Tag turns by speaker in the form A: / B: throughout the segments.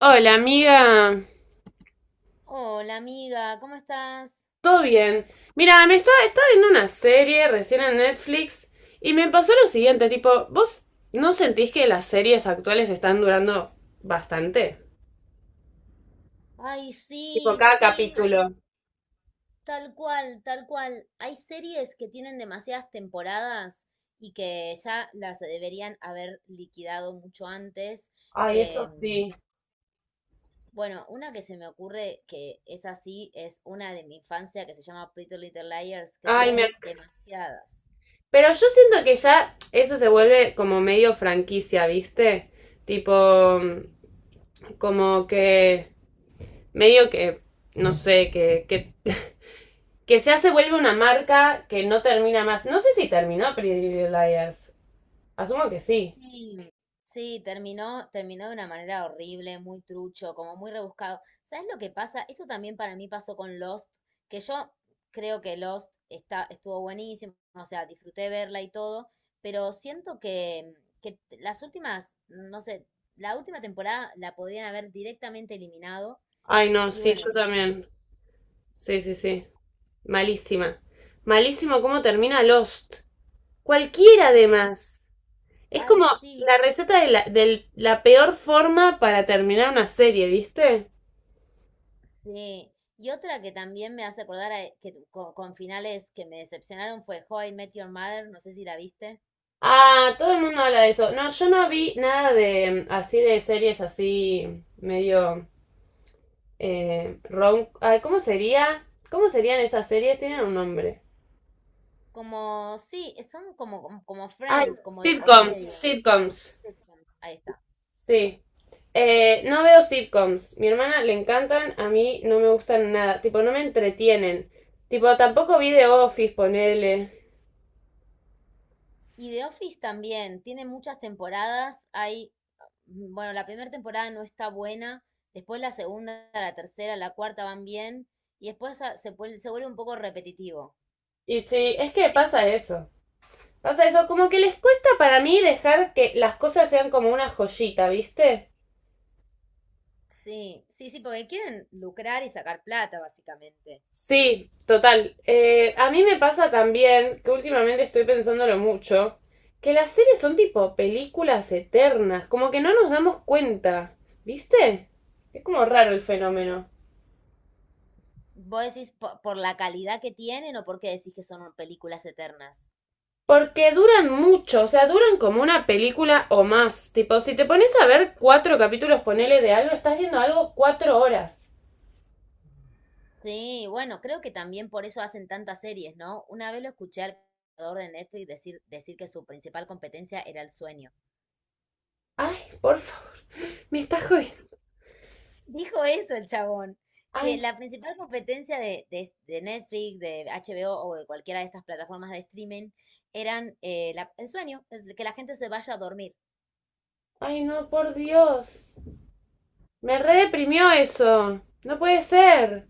A: Hola, amiga.
B: Hola amiga, ¿cómo estás?
A: ¿Todo bien? Mira, me estaba viendo una serie recién en Netflix y me pasó lo siguiente, tipo, ¿vos no sentís que las series actuales están durando bastante?
B: Ay,
A: Tipo,
B: sí,
A: cada
B: sí, ay,
A: capítulo.
B: tal cual, tal cual. Hay series que tienen demasiadas temporadas y que ya las deberían haber liquidado mucho antes.
A: Ay,
B: Eh,
A: eso sí.
B: bueno, una que se me ocurre que es así, es una de mi infancia que se llama Pretty Little Liars, que
A: Ay, me...
B: tuvo demasiadas.
A: Pero yo siento que ya eso se vuelve como medio franquicia, ¿viste? Tipo, como que medio que, no sé, que que ya se vuelve una marca que no termina más. No sé si terminó Pretty Little Liars. Asumo que sí.
B: Sí, sí, terminó, de una manera horrible, muy trucho, como muy rebuscado. ¿Sabes lo que pasa? Eso también para mí pasó con Lost, que yo creo que Lost estuvo buenísimo, o sea, disfruté verla y todo, pero siento que las últimas, no sé, la última temporada la podrían haber directamente eliminado.
A: Ay, no,
B: Y
A: sí,
B: bueno,
A: yo también. Sí, sí, sí. Malísima. Malísimo cómo termina Lost. Cualquiera
B: sí,
A: además. Es
B: ay,
A: como
B: sí,
A: la receta de la peor forma para terminar una serie, ¿viste?
B: sí. Y otra que también me hace que con finales que me decepcionaron fue How I Met Your Mother, no sé si la viste.
A: Ah, todo el mundo habla de eso. No, yo no vi nada de así de series así medio rom- ay, ¿cómo sería? ¿Cómo serían esas series? Tienen un nombre.
B: Sí, son como, como
A: Ay,
B: Friends, como de
A: sitcoms,
B: comedia.
A: sitcoms.
B: Sitcoms, ahí está.
A: Sí. No veo sitcoms. Mi hermana le encantan, a mí no me gustan nada. Tipo, no me entretienen. Tipo, tampoco vi The Office, ponele.
B: Y The Office también, tiene muchas temporadas. Bueno, la primera temporada no está buena, después la segunda, la tercera, la cuarta van bien, y después se vuelve un poco repetitivo.
A: Y sí, es que pasa eso. Pasa eso, como que les cuesta para mí dejar que las cosas sean como una joyita, ¿viste?
B: Sí, sí, sí, porque quieren lucrar y sacar plata, básicamente.
A: Sí, total. A mí me pasa también, que últimamente estoy pensándolo mucho, que las series son tipo películas eternas, como que no nos damos cuenta, ¿viste? Es como raro el fenómeno.
B: ¿Vos decís por la calidad que tienen o porque decís que son películas eternas?
A: Porque duran mucho, o sea, duran como una película o más. Tipo, si te pones a ver 4 capítulos, ponele de algo, estás viendo algo 4 horas.
B: Sí, bueno, creo que también por eso hacen tantas series, ¿no? Una vez lo escuché al creador de Netflix decir que su principal competencia era el sueño.
A: Ay, por favor, me está jodiendo.
B: Dijo eso el chabón, que
A: Ay,
B: la principal competencia de Netflix, de HBO o de cualquiera de estas plataformas de streaming eran el sueño, es que la gente se vaya a dormir.
A: ay, no, por Dios. Me redeprimió eso. No puede ser.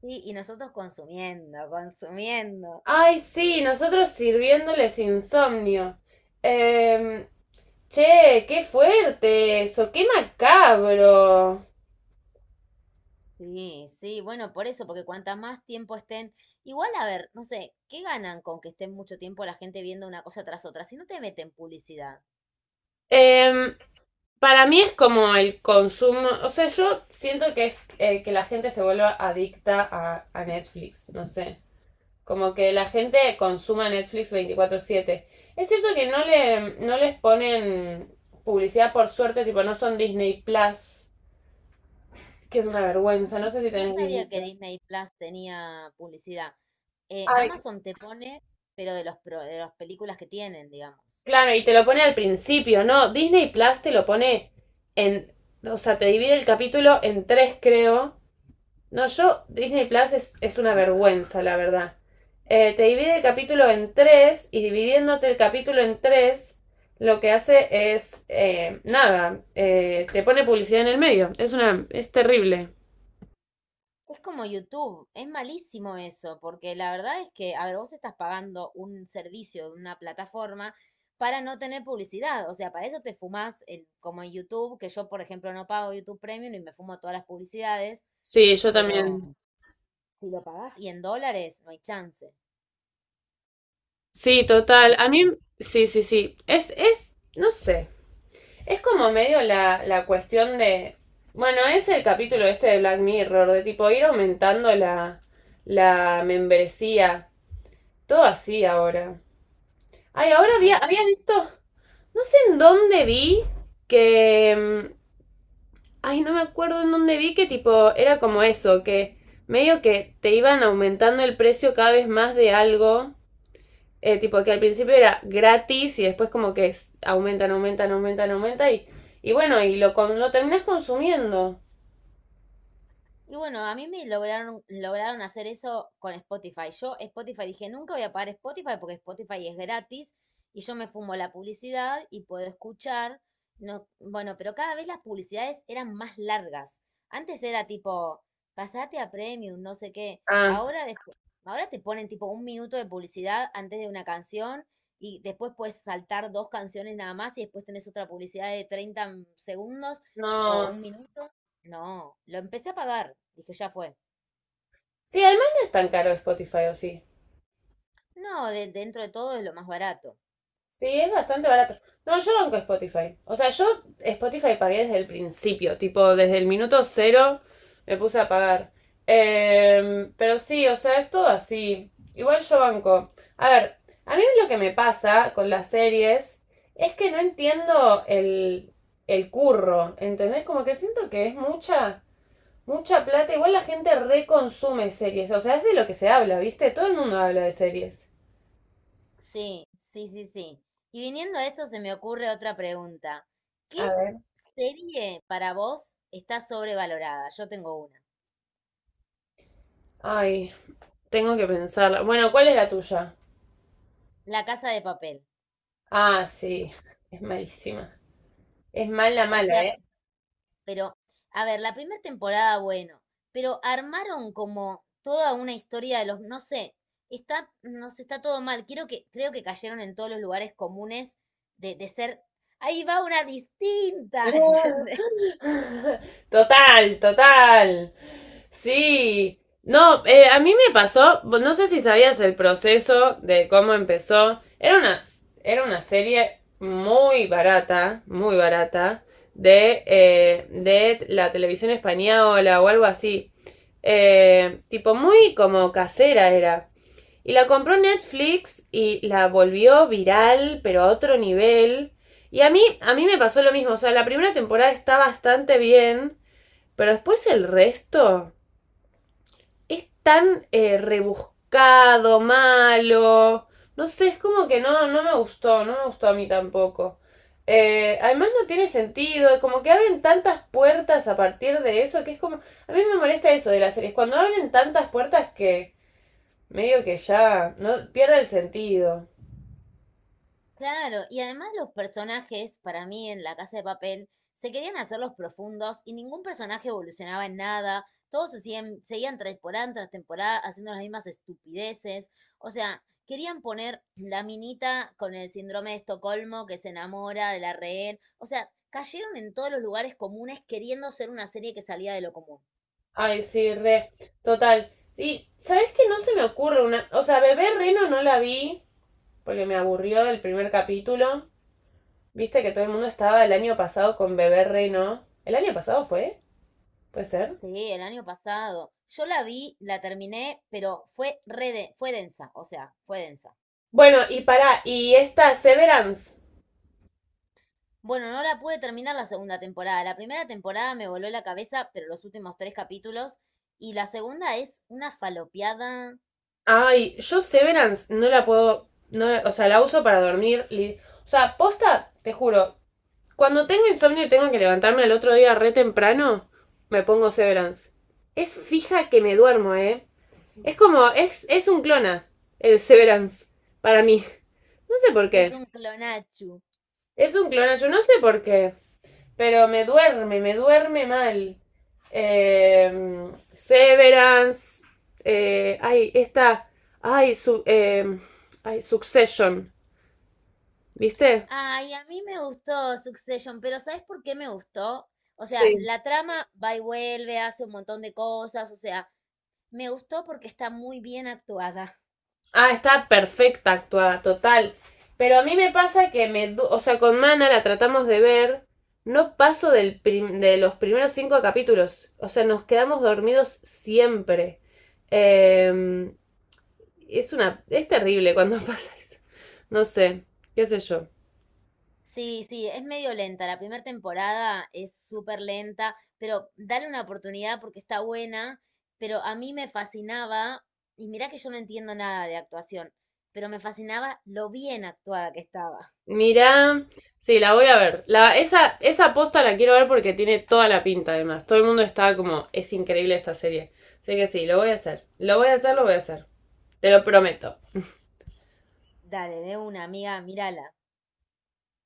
B: Sí, y nosotros consumiendo, consumiendo.
A: Ay, sí, nosotros sirviéndoles insomnio. Em, Che, qué fuerte eso, qué macabro.
B: Sí, sí, bueno, por eso, porque cuantas más tiempo estén, igual a ver, no sé, ¿qué ganan con que estén mucho tiempo la gente viendo una cosa tras otra? Si no te meten publicidad.
A: Em, para mí es como el consumo, o sea, yo siento que es que la gente se vuelva adicta a Netflix, no sé, como que la gente consuma Netflix 24/7. Es cierto que no les ponen publicidad por suerte, tipo, no son Disney Plus, que es una vergüenza, no sé si
B: No, no
A: tenés Disney
B: sabía que
A: Plus.
B: Disney Plus tenía publicidad.
A: Ay,
B: Amazon te pone, pero de las películas que tienen, digamos.
A: claro, y te lo pone al principio, ¿no? Disney Plus te lo pone en, o sea, te divide el capítulo en 3, creo. No, yo, Disney Plus es una vergüenza, la verdad. Te divide el capítulo en tres y dividiéndote el capítulo en 3, lo que hace es, nada, te pone publicidad en el medio. Es terrible.
B: Es como YouTube, es malísimo eso, porque la verdad es que, a ver, vos estás pagando un servicio de una plataforma para no tener publicidad, o sea, para eso te fumás, el, como en YouTube, que yo, por ejemplo, no pago YouTube Premium y me fumo todas las publicidades,
A: Sí, yo
B: pero
A: también.
B: si lo pagás y en dólares, no hay chance,
A: Sí,
B: no hay
A: total. A
B: chance.
A: mí, sí, sí, sí. Es, no sé. Es como medio la, la cuestión de. Bueno, es el capítulo este de Black Mirror, de tipo ir aumentando la, la membresía. Todo así ahora. Ay, ahora
B: Ay,
A: había
B: sí.
A: visto. No sé en dónde vi que. Ay, no me acuerdo en dónde vi que tipo. Era como eso, que medio que te iban aumentando el precio cada vez más de algo. Tipo que al principio era gratis y después como que es- aumentan, aumentan, aumentan, aumentan y bueno, lo terminás consumiendo.
B: Y bueno, a mí me lograron, lograron hacer eso con Spotify. Yo Spotify dije, nunca voy a pagar Spotify porque Spotify es gratis y yo me fumo la publicidad y puedo escuchar. No, bueno, pero cada vez las publicidades eran más largas. Antes era tipo, pasate a Premium, no sé qué.
A: Ah,
B: Ahora, ahora te ponen tipo un minuto de publicidad antes de una canción y después puedes saltar dos canciones nada más y después tenés otra publicidad de 30 segundos o
A: no.
B: un minuto. No, lo empecé a pagar. Dije, ya fue.
A: Sí, además no es tan caro Spotify, ¿o sí?
B: No, dentro de todo es lo más barato.
A: Sí, es bastante barato. No, yo banco Spotify. O sea, yo Spotify pagué desde el principio, tipo, desde el minuto cero me puse a pagar. Pero sí, o sea, es todo así. Igual yo banco. A ver, a mí lo que me pasa con las series es que no entiendo el curro, ¿entendés? Como que siento que es mucha, mucha plata. Igual la gente reconsume series, o sea, es de lo que se habla, ¿viste? Todo el mundo habla de series.
B: Sí, sí, sí, sí. Y viniendo a esto se me ocurre otra pregunta. ¿Qué
A: A ver.
B: serie para vos está sobrevalorada? Yo tengo una.
A: Ay, tengo que pensarla. Bueno, ¿cuál es la tuya?
B: La Casa de Papel.
A: Ah, sí. Es malísima. Es mala,
B: O
A: mala,
B: sea,
A: ¿eh?
B: pero, a ver, la primera temporada, bueno, pero armaron como toda una historia de los, no sé, está, no sé, está todo mal. Quiero que, creo que cayeron en todos los lugares comunes de ser, ahí va una distinta, ¿entendés?
A: Total, total. Sí. No, a mí me pasó, no sé si sabías el proceso de cómo empezó. Era una serie muy barata, de la televisión española o algo así. Tipo, muy como casera era. Y la compró Netflix y la volvió viral, pero a otro nivel. Y a mí me pasó lo mismo. O sea, la primera temporada está bastante bien, pero después el resto es tan rebuscado, malo. No sé, es como que no, no me gustó, no me gustó a mí tampoco. Además no tiene sentido, como que abren tantas puertas a partir de eso, que es como... A mí me molesta eso de las series, cuando abren tantas puertas que medio que ya, no pierde el sentido.
B: Claro, y además los personajes, para mí en La Casa de Papel, se querían hacer los profundos y ningún personaje evolucionaba en nada, todos seguían temporada tras temporada haciendo las mismas estupideces, o sea, querían poner la minita con el síndrome de Estocolmo que se enamora de la rehén, o sea, cayeron en todos los lugares comunes queriendo ser una serie que salía de lo común.
A: Ay, sí, re. Total. Y, ¿sabes qué? No se me ocurre una. O sea, Bebé Reno no la vi porque me aburrió el primer capítulo. Viste que todo el mundo estaba el año pasado con Bebé Reno. ¿El año pasado fue? ¿Puede ser?
B: Sí, el año pasado. Yo la vi, la terminé, pero fue densa, o sea, fue densa.
A: Bueno, y para, y esta Severance.
B: Bueno, no la pude terminar la segunda temporada. La primera temporada me voló la cabeza, pero los últimos tres capítulos. Y la segunda es una falopeada,
A: Ay, yo Severance no la puedo. No, o sea, la uso para dormir. O sea, posta, te juro, cuando tengo insomnio y tengo que levantarme al otro día re temprano, me pongo Severance. Es fija que me duermo, ¿eh? Es como, es un clona, el Severance, para mí. No sé por
B: es
A: qué.
B: un clonachu.
A: Es un clona, yo no sé por qué. Pero me duerme mal. Severance. Esta. Ay, su, eh, Ay, Succession. ¿Viste?
B: Ay, a mí me gustó Succession, pero ¿sabes por qué me gustó? O sea,
A: Sí.
B: la trama va y vuelve, hace un montón de cosas, o sea, me gustó porque está muy bien actuada.
A: Ah, está perfecta actuada, total. Pero a mí me pasa que me... O sea, con Mana la tratamos de ver. No paso del prim- De los primeros 5 capítulos. O sea, nos quedamos dormidos siempre. Eh, es una... Es terrible cuando pasa eso. No sé, qué sé yo.
B: Sí, sí, es medio lenta. La primera temporada es súper lenta, pero dale una oportunidad porque está buena. Pero a mí me fascinaba, y mirá que yo no entiendo nada de actuación, pero me fascinaba lo bien actuada que estaba.
A: Mirá... Sí, la voy a ver. Esa posta la quiero ver porque tiene toda la pinta, además. Todo el mundo está como, es increíble esta serie. Así que sí, lo voy a hacer. Lo voy a hacer, lo voy a hacer. Te lo prometo.
B: Dale, de una, amiga, mírala.